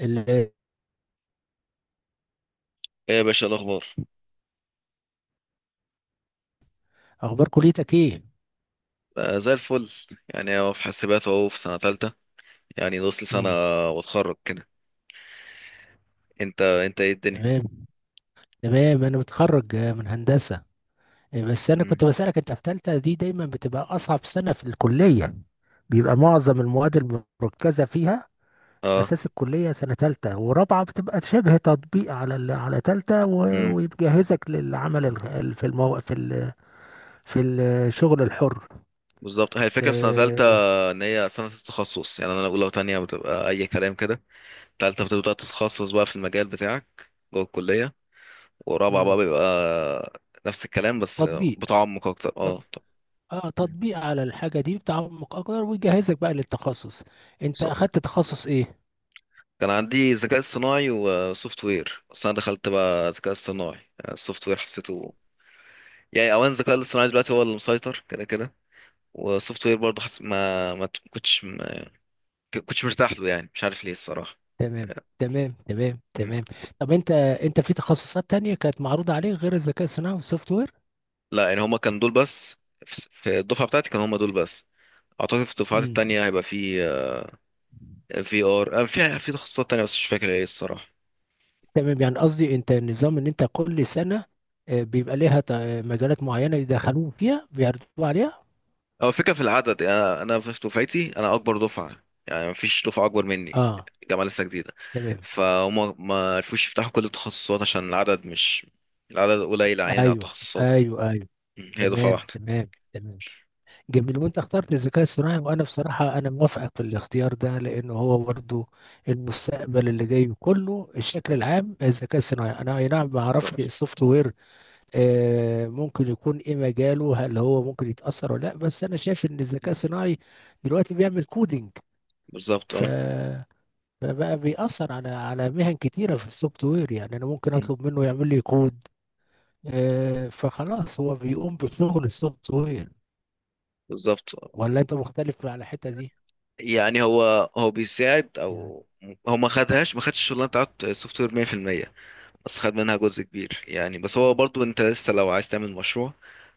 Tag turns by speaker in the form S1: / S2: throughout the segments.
S1: ال-
S2: ايه يا باشا الاخبار؟
S1: اخبار كليتك ايه؟
S2: آه، زي الفل. يعني هو في حاسبات اهو، في سنه ثالثه، يعني نص سنه
S1: امم.
S2: واتخرج كده. انت ايه الدنيا؟
S1: تمام. تمام انا متخرج من هندسه. بس انا
S2: مم.
S1: كنت بسالك، انت في ثالثه دي دايما بتبقى اصعب سنه في الكليه، بيبقى معظم المواد المركزه فيها
S2: اه.
S1: اساس الكليه. سنه ثالثه ورابعه بتبقى شبه تطبيق على ثالثه
S2: امم
S1: ويجهزك للعمل في الشغل الحر.
S2: بالظبط، هي الفكره في سنه ثالثه،
S1: آه،
S2: ان هي سنه التخصص، يعني انا اولى وتانية بتبقى اي كلام كده. ثالثه بتبدا تتخصص بقى في المجال بتاعك جوه الكليه، ورابعه بقى
S1: مم.
S2: بيبقى نفس الكلام بس
S1: تطبيق.
S2: بتعمق اكتر. اه طب.
S1: اه،
S2: مم.
S1: تطبيق على الحاجة دي، بتعمق اكتر ويجهزك بقى للتخصص. انت
S2: بالظبط،
S1: اخدت تخصص ايه؟
S2: كان عندي ذكاء اصطناعي وسوفت وير، بس انا دخلت بقى ذكاء اصطناعي. يعني السوفت وير حسيته، يعني اولا الذكاء الاصطناعي دلوقتي هو اللي مسيطر كده كده، والسوفت وير برضه حس... ما ما ت- كنتش ما كنتش مرتاح له، يعني مش عارف ليه الصراحه.
S1: تمام، تمام، تمام،
S2: مم.
S1: تمام. طب انت في تخصصات تانية كانت معروضة عليك غير الذكاء الصناعي والسوفت وير؟
S2: لا، يعني هما كانوا دول بس. في الدفعه بتاعتي كانوا هما دول بس، اعتقد في الدفعات
S1: امم.
S2: التانية هيبقى في في ار في في تخصصات تانية بس مش فاكر ايه الصراحه.
S1: تمام. يعني قصدي انت، النظام ان انت كل سنة بيبقى ليها مجالات معينة يدخلوك فيها بيعرضوا عليها.
S2: هو الفكره في العدد، يعني انا في دفعتي، انا اكبر دفعه، يعني مفيش دفعه اكبر مني،
S1: اه،
S2: الجامعه لسه جديده،
S1: تمام.
S2: فهم ما عرفوش يفتحوا كل التخصصات عشان العدد مش، العدد قليل عيني على
S1: ايوه،
S2: التخصصات.
S1: ايوه، ايوه.
S2: مم، هي دفعه
S1: تمام،
S2: واحده.
S1: تمام، تمام. جميل. وانت اخترت الذكاء الصناعي، وانا بصراحة انا موافقك في الاختيار ده لانه هو برضو المستقبل اللي جاي كله، الشكل العام الذكاء الصناعي. انا اي نعم، ما اعرفش السوفت وير ممكن يكون ايه مجاله، هل هو ممكن يتأثر ولا لا، بس انا شايف ان الذكاء
S2: مم.
S1: الصناعي دلوقتي بيعمل كودينج.
S2: بالظبط
S1: ف
S2: اه.
S1: فبقى بيأثر على مهن كتيرة في السوفت وير، يعني انا ممكن
S2: مم.
S1: اطلب منه يعمل لي كود. فخلاص هو بيقوم بشغل السوفت وير.
S2: بالظبط آه.
S1: ولا انت مختلف على الحتة دي؟
S2: يعني هو بيساعد،
S1: يعني
S2: او هو ما خدش الشغلانه بتاعت السوفت وير 100%، بس خد منها جزء كبير يعني. بس هو برضو، انت لسه لو عايز تعمل مشروع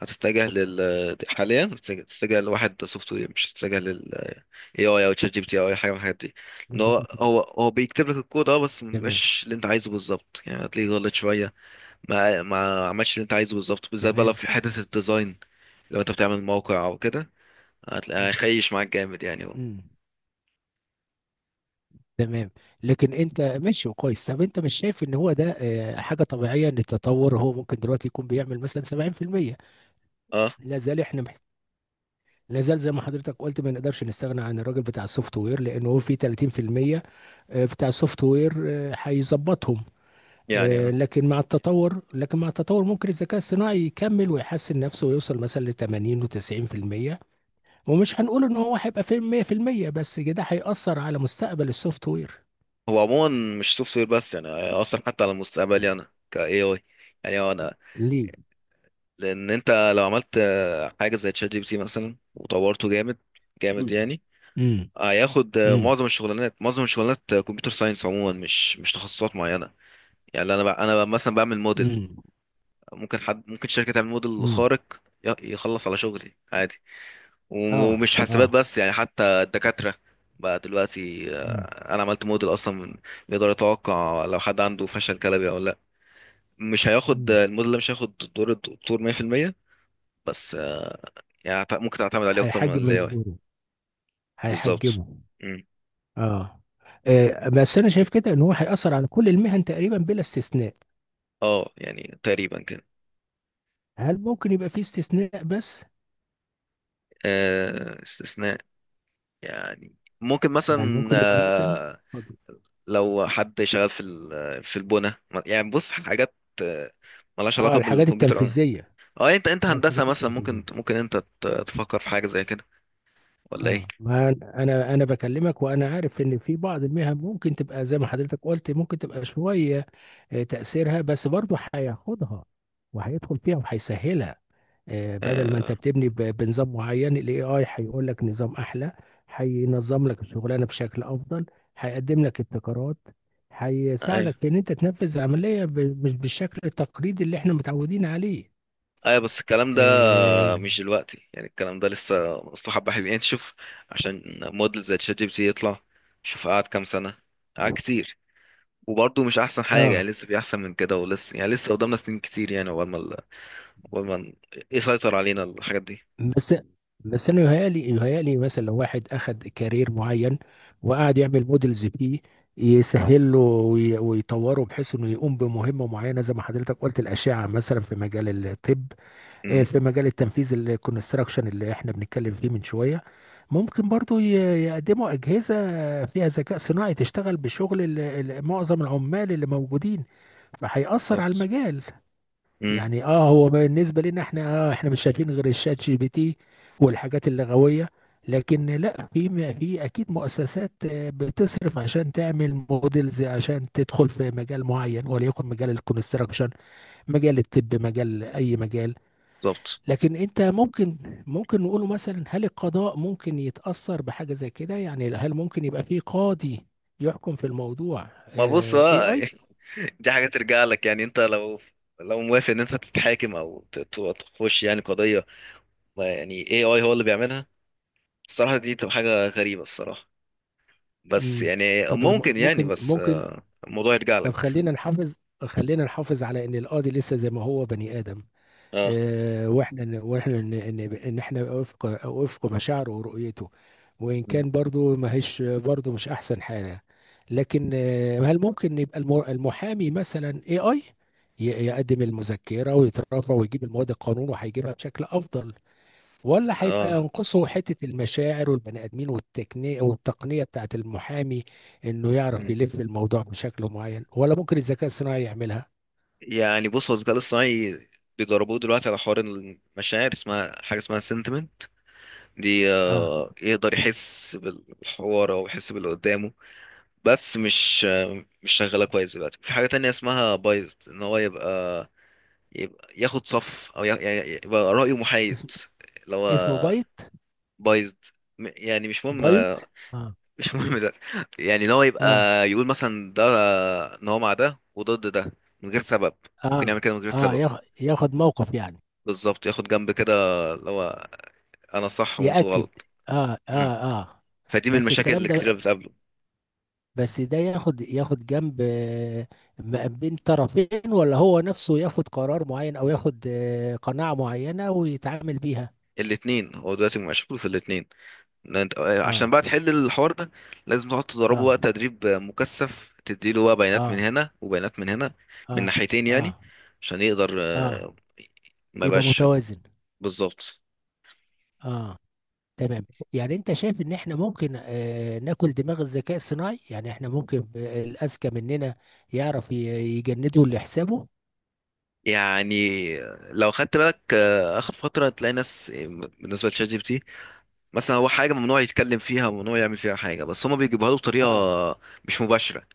S2: هتتجه لل... حاليا هتتجه لواحد سوفت وير، مش هتتجه لل اي اي او تشات جي بي تي او اي حاجه من الحاجات دي. ان هو
S1: للذكاء
S2: هو
S1: الاصطناعي.
S2: هو بيكتب لك الكود اه، بس ما
S1: تمام،
S2: بيبقاش اللي انت عايزه بالظبط، يعني هتلاقيه غلط شويه. ما عملش اللي انت عايزه بالظبط، بالذات بقى لو
S1: تمام.
S2: في حته الديزاين، لو انت بتعمل موقع او كده هتلاقيه
S1: مم.
S2: هيخيش معاك جامد يعني هو.
S1: مم. تمام، لكن انت ماشي وكويس. طب انت مش شايف ان هو ده حاجه طبيعيه، ان التطور هو ممكن دلوقتي يكون بيعمل مثلا 70%؟
S2: اه
S1: لا زال احنا لا زال زي ما حضرتك قلت، ما نقدرش نستغنى عن الراجل بتاع السوفت وير لانه هو في 30% بتاع السوفت وير هيظبطهم.
S2: يعني اه،
S1: لكن مع التطور، ممكن الذكاء الصناعي يكمل ويحسن نفسه ويوصل مثلا ل 80 و90%. ومش هنقول ان هو هيبقى فيلم 100%، بس كده هيأثر على مستقبل السوفت وير.
S2: هو عموما مش سوفت وير بس يعني، اصلا حتى على مستقبلي انا ك AI. يعني هو انا،
S1: ليه؟
S2: لان انت لو عملت حاجه زي تشات جي بي تي مثلا وطورته جامد جامد
S1: امم،
S2: يعني،
S1: امم،
S2: هياخد
S1: امم،
S2: معظم الشغلانات، معظم الشغلانات كمبيوتر ساينس عموما، مش تخصصات معينه. يعني انا بقى مثلا بعمل موديل،
S1: امم.
S2: ممكن حد، ممكن شركه تعمل موديل
S1: أمم.
S2: خارق يخلص على شغلي عادي.
S1: اه،
S2: ومش حاسبات
S1: اه.
S2: بس يعني، حتى الدكاترة بقى دلوقتي،
S1: أمم.
S2: انا عملت موديل اصلا يقدر يتوقع لو حد عنده فشل كلوي او لا، مش هياخد،
S1: أمم.
S2: الموديل ده مش هياخد دور الدكتور 100%. بس يعني هت- ممكن تعتمد عليه اكتر من
S1: هيحجب
S2: الاي
S1: من
S2: اي.
S1: دوره،
S2: بالظبط.
S1: هيحجبه.
S2: مم.
S1: اه. بس انا شايف كده ان هو هيأثر على كل المهن تقريبا بلا استثناء.
S2: اه يعني تقريبا كده.
S1: هل ممكن يبقى في استثناء بس؟
S2: استثناء، يعني ممكن
S1: يعني
S2: مثلا،
S1: ممكن يبقى مثلا، اتفضل.
S2: لو حد شغال في ال- في البنى، يعني بص حاجات آه، ملهاش
S1: اه
S2: علاقة
S1: الحاجات
S2: بالكمبيوتر.
S1: التنفيذية.
S2: اه، انت
S1: اه
S2: هندسة
S1: الحاجات
S2: مثلا، ممكن
S1: التنفيذية.
S2: ممكن انت تفكر في حاجة زي كده، ولا ايه؟
S1: اه، ما انا انا أنا بكلمك وانا عارف ان في بعض المهن ممكن تبقى زي ما حضرتك قلت، ممكن تبقى شويه تاثيرها، بس برضه هياخدها وهيدخل فيها وهيسهلها. بدل ما انت
S2: آه
S1: بتبني بنظام معين، الاي اي هيقول لك نظام احلى، هينظم لك الشغلانه بشكل افضل، هيقدم لك ابتكارات،
S2: ايوه،
S1: هيساعدك في ان انت تنفذ العمليه مش بالشكل التقليدي اللي احنا متعودين عليه.
S2: ايوه، بس الكلام ده
S1: اه.
S2: مش دلوقتي، يعني الكلام ده لسه، اصله حبة حلوين يعني. شوف، عشان موديل زي تشات جي بي تي يطلع، شوف قعد كام سنة، قعد كتير، وبرضه مش احسن حاجة،
S1: آه،
S2: يعني لسه في احسن من كده، ولسه يعني لسه قدامنا سنين كتير يعني، عقبال ما ال- عقبال ما ن- يسيطر علينا الحاجات دي.
S1: بس انا يهيألي مثلا لو واحد اخد كارير معين وقعد يعمل موديلز فيه، يسهل له ويطوره بحيث انه يقوم بمهمه معينه، زي ما حضرتك قلت الاشعه مثلا في مجال الطب،
S2: امم
S1: في مجال التنفيذ الكونستراكشن اللي احنا بنتكلم فيه من شويه، ممكن برضو يقدموا اجهزه فيها ذكاء صناعي تشتغل بشغل معظم العمال اللي موجودين، فهيأثر على
S2: بالظبط.
S1: المجال.
S2: امم
S1: يعني اه، هو بالنسبه لنا احنا آه، احنا مش شايفين غير الشات جي بي تي والحاجات اللغويه، لكن لا، في اكيد مؤسسات بتصرف عشان تعمل موديلز عشان تدخل في مجال معين، وليكن مجال الكونستراكشن، مجال الطب، مجال اي مجال.
S2: بالظبط.
S1: لكن انت ممكن، ممكن نقوله مثلا، هل القضاء ممكن يتاثر بحاجه زي كده؟ يعني هل ممكن يبقى في قاضي يحكم في الموضوع
S2: ما بص،
S1: اي
S2: اه
S1: اي؟
S2: دي حاجة ترجع لك، يعني انت لو موافق ان انت تتحاكم او تخش يعني قضية، ما يعني اي اي هو اللي بيعملها. الصراحة دي تبقى حاجة غريبة الصراحة، بس
S1: امم.
S2: يعني،
S1: طب
S2: ممكن يعني،
S1: ممكن،
S2: بس
S1: ممكن.
S2: الموضوع يرجع
S1: طب
S2: لك.
S1: خلينا نحافظ، على ان القاضي لسه زي ما هو بني ادم،
S2: اه.
S1: واحنا ان احنا وفق مشاعره ورؤيته، وان
S2: مم.
S1: كان برضو ما هيش، برضو مش احسن حاجه. لكن هل ممكن يبقى المحامي مثلا اي اي يقدم المذكره ويترافع ويجيب المواد القانون وهيجيبها بشكل افضل، ولا هيبقى
S2: اه.
S1: ينقصه حتة المشاعر والبني آدمين والتقنية، بتاعت المحامي، إنه يعرف
S2: مم.
S1: يلف الموضوع بشكل معين؟ ولا ممكن الذكاء الصناعي يعملها؟
S2: يعني بص، هو الذكاء الاصطناعي بيدربوه دلوقتي على حوار المشاعر، اسمها حاجة اسمها sentiment، دي
S1: آه.
S2: يقدر يحس بالحوار او يحس باللي قدامه. بس مش شغاله كويس دلوقتي، في حاجه تانية اسمها بايظت، ان هو يبقى يبقى ياخد صف، او يعني يبقى رايه محايد،
S1: اسم.
S2: اللي هو
S1: اسمه بايت.
S2: بايظ، يعني مش مهم.
S1: بايت. آه،
S2: مش مهم دلوقتي. يعني ان هو يبقى
S1: آه،
S2: يقول مثلا ده، ان هو مع ده وضد ده من غير سبب، ممكن
S1: آه،
S2: يعمل كده من غير
S1: آه.
S2: سبب.
S1: ياخد موقف يعني.
S2: بالظبط، ياخد جنب كده، اللي هو انا صح وانتوا
S1: يأكد.
S2: غلط.
S1: آه،
S2: مم.
S1: آه، آه.
S2: فدي من
S1: بس
S2: المشاكل
S1: الكلام
S2: اللي كتير
S1: ده،
S2: بتقابله.
S1: ده ياخد، ياخد جنب ما بين طرفين، ولا هو نفسه ياخد قرار معين، أو ياخد قناعة معينة ويتعامل بيها؟
S2: الاتنين، هو دلوقتي مشاكله في الاتنين. عشان
S1: آه.
S2: بقى تحل الحوار ده لازم تقعد تدربه
S1: اه،
S2: بقى تدريب مكثف، تديله بقى بيانات من
S1: اه،
S2: هنا وبيانات من هنا، من
S1: اه،
S2: ناحيتين يعني،
S1: اه،
S2: عشان يقدر
S1: اه.
S2: ما
S1: يبقى
S2: يبقاش.
S1: متوازن.
S2: بالظبط.
S1: اه، تمام. يعني انت شايف ان احنا ممكن آه، ناكل دماغ الذكاء الصناعي، يعني احنا ممكن الاذكى مننا يعرف يجنده اللي حسابه.
S2: يعني لو خدت بالك اخر فتره تلاقي ناس، بالنسبه لشات جي بي تي مثلا، هو حاجه ممنوع يتكلم فيها وممنوع يعمل فيها حاجه، بس هما بيجيبوها له بطريقه
S1: اه،
S2: مش مباشره.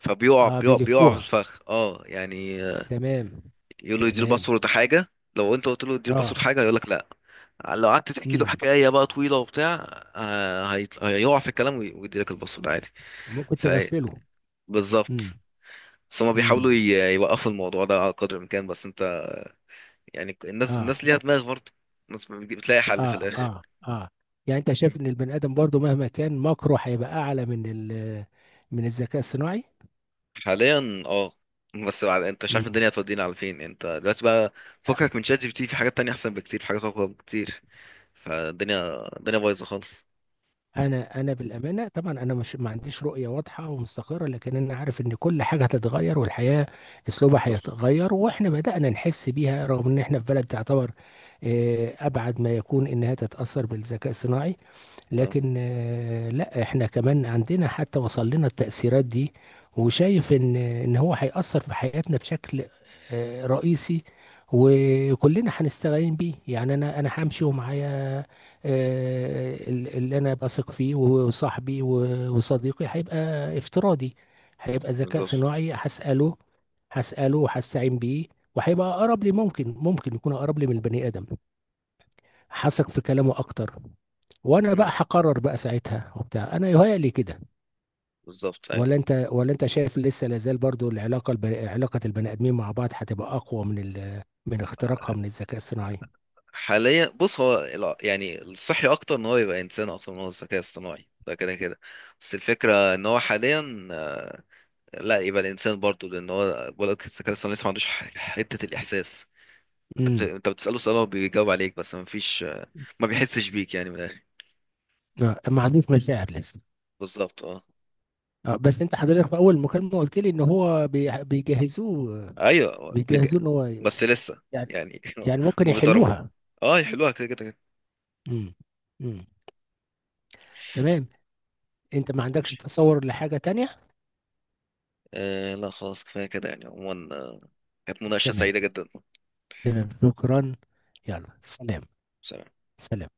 S2: فبيقع،
S1: اه.
S2: بيقع في
S1: بيلفوها.
S2: الفخ اه يعني.
S1: تمام،
S2: يقول له يدي
S1: تمام.
S2: الباسورد حاجه، لو انت قلت له ادي
S1: اه.
S2: الباسورد حاجه هيقول لك لا، لو قعدت تحكي له
S1: امم.
S2: حكايه بقى طويله وبتاع، هيط- هيقع في الكلام ويدي لك الباسورد عادي.
S1: ممكن
S2: ف
S1: تغفله.
S2: بالظبط.
S1: امم،
S2: بس هما
S1: امم.
S2: بيحاولوا يوقفوا الموضوع ده على قدر الامكان، بس انت، يعني الناس
S1: اه،
S2: الناس ليها دماغ برضه، الناس بتجي- بتلاقي حل في
S1: اه،
S2: الاخر.
S1: اه، اه. يعني انت شايف ان البني ادم برضو مهما كان مكره هيبقى اعلى من ال من الذكاء الصناعي.
S2: حاليا اه. بس بعد، انت مش عارف
S1: امم.
S2: الدنيا هتودينا على فين انت دلوقتي بقى، فكك من شات جي بي تي، في حاجات تانية احسن بكتير، في حاجات اقوى بكتير. فالدنيا الدنيا بايظه خالص.
S1: انا بالامانه طبعا انا مش، ما عنديش رؤيه واضحه ومستقره، لكن انا عارف ان كل حاجه هتتغير، والحياه اسلوبها
S2: بالظبط
S1: هيتغير، واحنا بدانا نحس بيها، رغم ان احنا في بلد تعتبر ابعد ما يكون انها تتاثر بالذكاء الصناعي،
S2: اه.
S1: لكن لا، احنا كمان عندنا، حتى وصل لنا التأثيرات دي. وشايف ان هو هيأثر في حياتنا بشكل رئيسي، وكلنا هنستعين بيه. يعني انا همشي ومعايا اللي انا بثق فيه، وصاحبي وصديقي هيبقى افتراضي، هيبقى ذكاء
S2: بالظبط.
S1: صناعي، هسأله، وهستعين بيه، وهيبقى اقرب لي، ممكن يكون اقرب لي من البني ادم، حسك في كلامه اكتر. وانا بقى هقرر بقى ساعتها وبتاع، انا يهيألي كده.
S2: بالظبط ايوه.
S1: ولا انت شايف لسه لازال برضو العلاقه علاقه البني ادمين مع بعض هتبقى اقوى من من اختراقها من الذكاء الصناعي؟
S2: حاليا بص، هو الع- يعني الصحي اكتر ان هو يبقى انسان اكتر من هو الذكاء الصناعي، ده كده كده. بس الفكره ان هو حاليا لا يبقى الانسان برضه، لان هو بقولك الذكاء الصناعي لسه ما عندوش ح- حته الاحساس.
S1: امم.
S2: انت بتساله سؤال هو بيجاوب عليك، بس ما فيش، ما بيحسش بيك يعني من الاخر.
S1: ما عندوش مشاعر لسه.
S2: بالظبط اه.
S1: بس انت حضرتك في اول مكالمه قلت لي ان هو بيجهزوه.
S2: ايوه هو بيج...
S1: بيجهزوه ان هو
S2: بس لسه
S1: يعني،
S2: يعني.
S1: ممكن
S2: ما بيضربوه،
S1: يحلوها.
S2: اه يحلوها كده كده كده.
S1: امم، امم. تمام. انت ما عندكش تصور لحاجه تانية؟
S2: آه لا، خلاص كفايه كده يعني، عموما كانت مناقشه
S1: تمام،
S2: سعيده جدا.
S1: تمام. شكرا. يلا سلام.
S2: سلام.
S1: سلام.